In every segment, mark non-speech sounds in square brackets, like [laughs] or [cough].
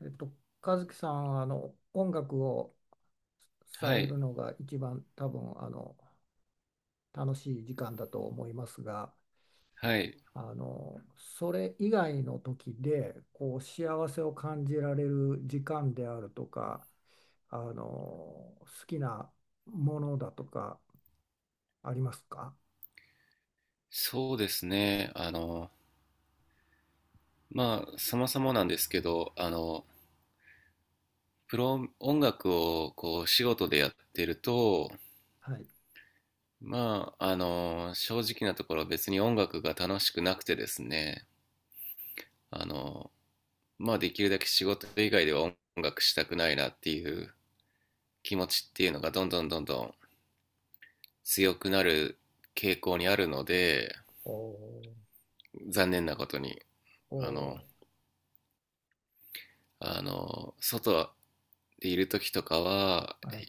えっと、和樹さん、音楽をさはれい、るのが一番多分、楽しい時間だと思いますが、はい、それ以外の時で、幸せを感じられる時間であるとか、好きなものだとか、ありますか？そうですね。そもそもなんですけど、プロ音楽を仕事でやってると、はい。正直なところ別に音楽が楽しくなくてですね、あの、できるだけ仕事以外では音楽したくないなっていう気持ちっていうのがどんどんどんどん強くなる傾向にあるので、お残念なことに、ー、あおの、あの、外、でいる時とかは、ー、はい。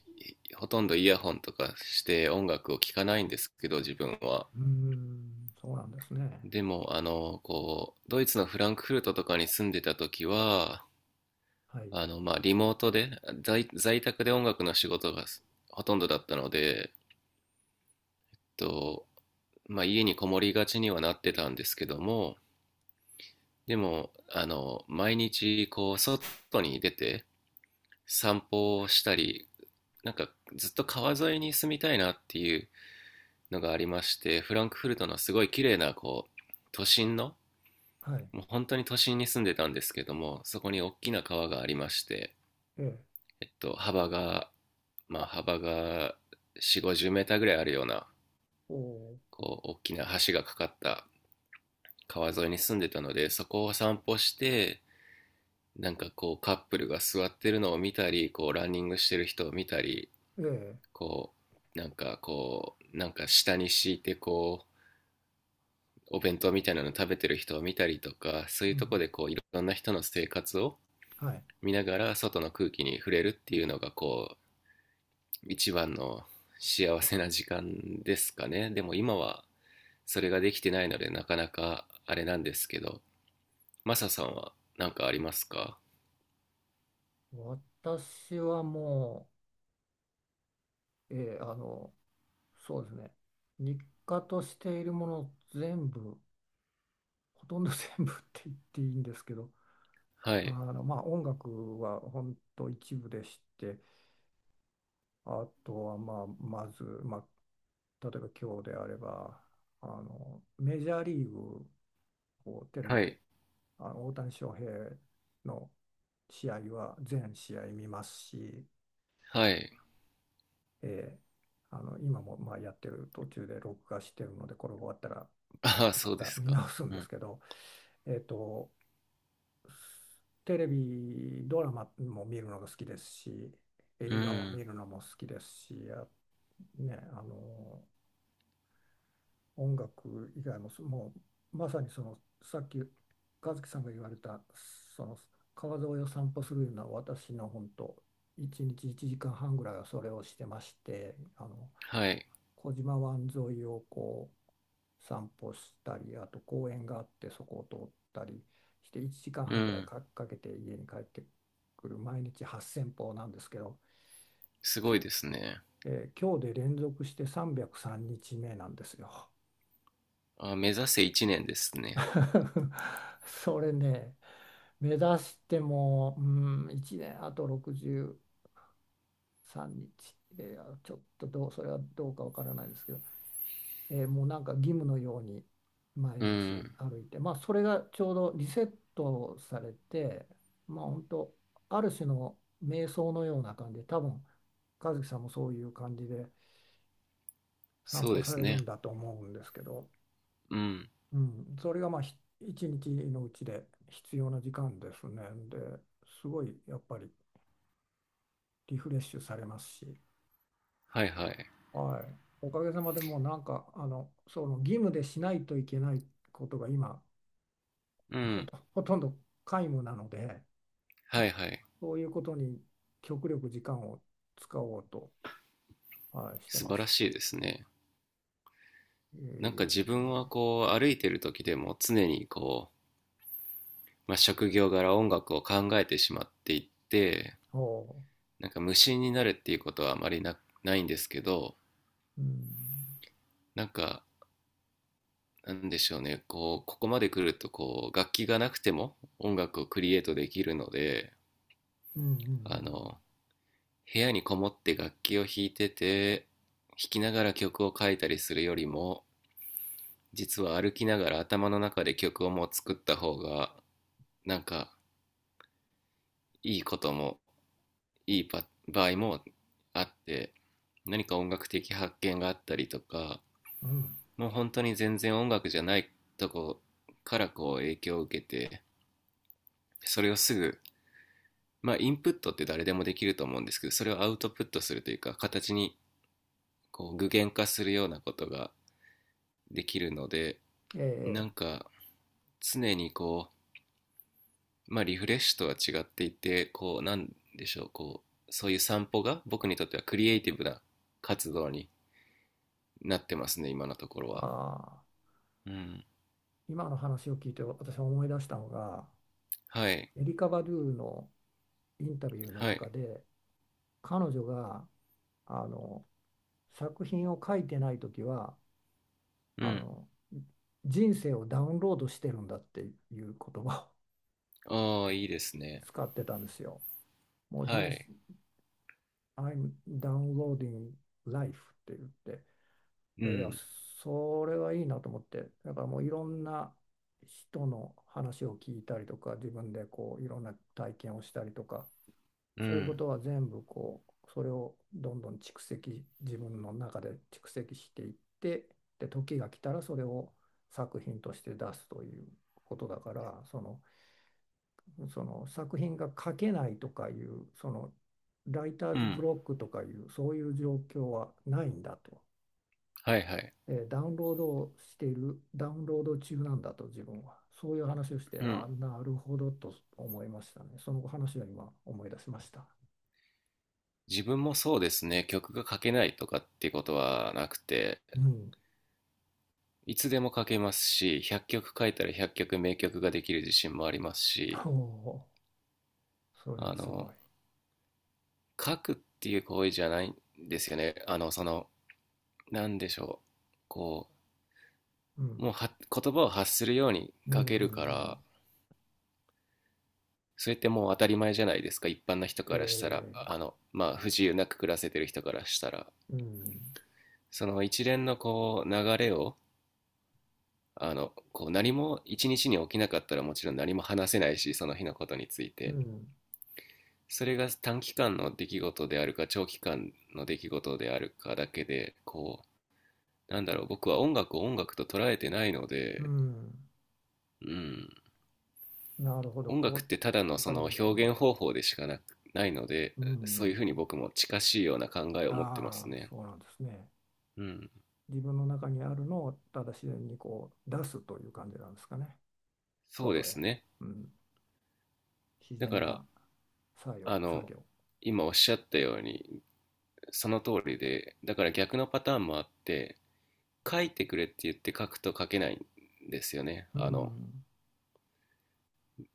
ほとんどイヤホンとかして音楽を聴かないんですけど、自分は。うーん、そうなんですね。でも、ドイツのフランクフルトとかに住んでた時は、はい。リモートで、在宅で音楽の仕事がほとんどだったので、と、まあ、家にこもりがちにはなってたんですけども、でも、毎日、外に出て散歩をしたり、なんかずっと川沿いに住みたいなっていうのがありまして、フランクフルトのすごい綺麗な都心の、はい。もう本当に都心に住んでたんですけども、そこに大きな川がありまして、ええ。えっと、幅が幅が450メーターぐらいあるようなお大きな橋がかかった川沿いに住んでたので、そこを散歩して、カップルが座ってるのを見たり、ランニングしてる人を見たり、ー、ええ。こ下に敷いて、お弁当みたいなの食べてる人を見たりとか、そういううとこん。でいろんな人の生活をはい。見ながら外の空気に触れるっていうのが一番の幸せな時間ですかね。でも今はそれができてないのでなかなかあれなんですけど、マサさんは何かありますか？私はもう、そうですね、日課としているもの全部、ほとんど全部 [laughs] って言っていいんですけど、はい。まあ、音楽は本当一部でして、あとは、まあ、まず、まあ、例えば今日であれば、メジャーリーグをテレビはで、い。大谷翔平の試合は全試合見ますし、はい。えー今もまあやってる途中で録画してるのでこれ終わったらああ、まそうでたす見か。直すんうですん。けど、えーと、テレビドラマも見るのが好きですし、う映画をん。見るのも好きですし、あ、ね、音楽以外もそもうまさにそのさっき和樹さんが言われたその川沿いを散歩するような私の本当1日1時間半ぐらいはそれをしてまして、はい。小島湾沿いをこう散歩したり、あと公園があってそこを通ったりして1時間う半ぐらいん。か、かけて家に帰ってくる毎日8000歩なんですけど、すごきいですね。えー今日で連続して303日目なんですよ。あ、目指せ1年ですね。[laughs] それね、目指しても、うん、1年あと63日、ちょっとどう、それはどうかわからないですけど、もうなんか義務のように毎う日ん。歩いて、まあ、それがちょうどリセットされて、まあ、本当ある種の瞑想のような感じで多分和樹さんもそういう感じで散そう歩でさすれるね。んだと思うんですけど、うん。うん、それがまあ一日のうちで必要な時間ですね。で、すごいやっぱりリフレッシュされますし、はいはい。はい、おかげさまでもうなんかその義務でしないといけないことが今うん。ほとんど皆無なので、はいはい。そういうことに極力時間を使おうと、はい、して素ま晴らす。しいですね。え自分はえ、こう歩いてる時でも常に職業柄音楽を考えてしまっていって、ほ無心になるっていうことはあまりないんですけど、う、うん、なんかなんでしょうね、ここまで来ると楽器がなくても音楽をクリエイトできるので、うあん、の、部屋にこもって楽器を弾いてて、弾きながら曲を書いたりするよりも、実は歩きながら頭の中で曲をもう作った方がなんかいいこともいいパ場合もあって、何か音楽的発見があったりとか、うん、うん。もう本当に全然音楽じゃないとこから影響を受けて、それをすぐ、インプットって誰でもできると思うんですけど、それをアウトプットするというか、形に具現化するようなことができるので、なええ、んか常にリフレッシュとは違っていて、こうなんでしょうこうそういう散歩が僕にとってはクリエイティブな活動になってますね、今のところは。ああ、うん。今の話を聞いて私は思い出したのが、はいエリカ・バドゥのインタビューのはい。中で、彼女が、あの、作品を書いてない時は、うあん。の、人生をダウンロードしてるんだっていう言葉をああ、いいですね。使ってたんですよ。もうは人い。生、I'm downloading life って言って、うで、いや、ん。それはいいなと思って、だからもういろんな人の話を聞いたりとか、自分でこういろんな体験をしたりとか、うそういうこん。とは全部こう、それをどんどん蓄積、自分の中で蓄積していって、で、時が来たらそれを作品として出すということだから、その作品が書けないとかいうそのライターうズブん。ロックとかいうそういう状況はないんだと、はいはい。ダウンロードをしているダウンロード中なんだと自分はそういう話をして、うん。なるほどと思いましたね。その話は今思い出しました。自分もそうですね。曲が書けないとかっていうことはなくて、うん。 いつでも書けますし、100曲書いたら100曲名曲ができる自信もあります [laughs] おし、お、それあはすごのい、書くっていう行為じゃないんですよね。なんでしょう。こうん、もう言葉を発するようにうん、う書けん、うるかん、ら、それってもう当たり前じゃないですか。一般の人からしたら、え不自由なく暮らせてる人からしたら。うん、その一連の流れを、何も一日に起きなかったらもちろん何も話せないし、その日のことについうて。ん、それが短期間の出来事であるか長期間の出来事であるかだけで、なんだろう、僕は音楽を音楽と捉えてないのうで、ん、うん、なるほど、音こ楽ってただうのわそかりのます、う表ん、現方法でしかなく、ないので、うそういうん、ふうに僕も近しいような考えを持ってまあすあ、ね。そうなんですね。うん、自分の中にあるのをただ自然にこう出すという感じなんですかね。そうで外へ。すね。うん。自だか然ら、な作業、あ作の、業。今おっしゃったように、その通りで、だから逆のパターンもあって、書いてくれって言って書くと書けないんですよね。うん。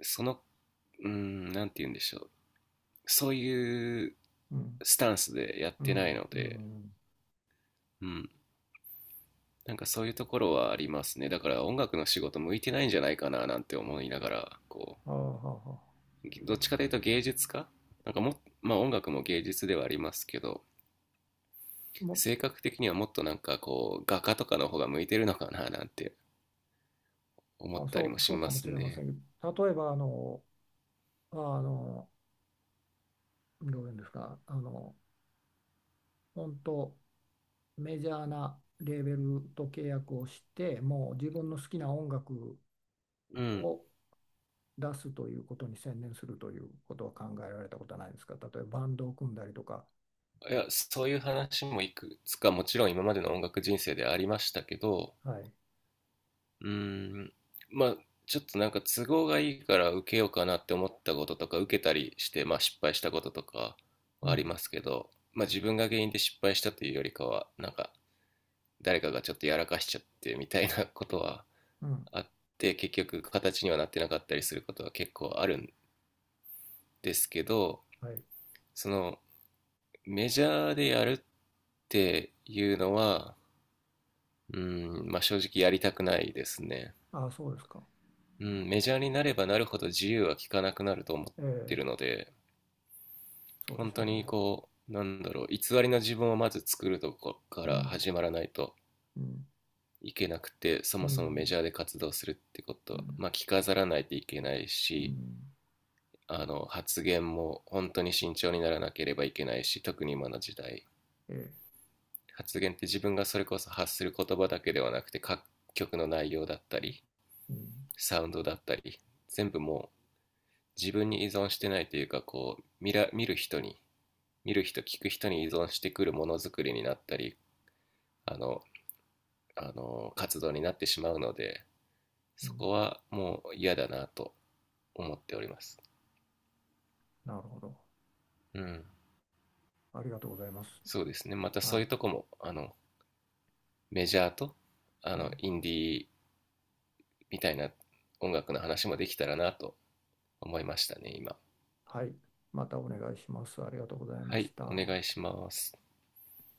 その、うーん、なんて言うんでしょう。そういううん。スタンスでやっうてないん。のうで、ん。うん、そういうところはありますね。だから音楽の仕事向いてないんじゃないかななんて思いながら、ああ、はあはどっちかというと芸術家なんかも、音楽も芸術ではありますけど、あ、性格的にはもっと画家とかの方が向いてるのかななんて思ったりそもう、しそうかまもすしれませね。んけど、例えば、あの、どういうんですか、本当メジャーなレーベルと契約をして、もう自分の好きな音楽うん。を出すということに専念するということは考えられたことはないですか？例えばバンドを組んだりとか。いや、そういう話もいくつかもちろん今までの音楽人生でありましたけど、はい。うーん、まあ、ちょっと都合がいいから受けようかなって思ったこととか、受けたりして、失敗したこととかうはありん。ますけど、自分が原因で失敗したというよりかは、誰かがちょっとやらかしちゃってみたいなことはうん。あって、結局形にはなってなかったりすることは結構あるんですけど、はい。そのメジャーでやるっていうのは、うーん、正直やりたくないですね。ああ、そうですか。うん、メジャーになればなるほど自由は利かなくなると思っえてるえ、ので、そうで本しょ当うね。になんだろう、偽りの自分をまず作るとこかうらん。始まらないとうん。いけなくて、そうもそもメん。ジャーで活動するってこうと、ん。着飾らないといけないうし、ん、発言も本当に慎重にならなければいけないし、特に今の時代、ええ。発言って自分がそれこそ発する言葉だけではなくて、各曲の内容だったり、うん。サウンドだったり、全部もう自分に依存してないというか、見る人、聞く人に依存してくるものづくりになったり、あの活動になってしまうので、うそこん。はもう嫌だなと思っております。なるほど。うん。ありがとうございます。そうですね、また、はそうい。いうとこも、メジャーとはい。インディーみたいな音楽の話もできたらなと思いましたね、今。はい。またお願いします。ありがとうございはましい、おた。願いします。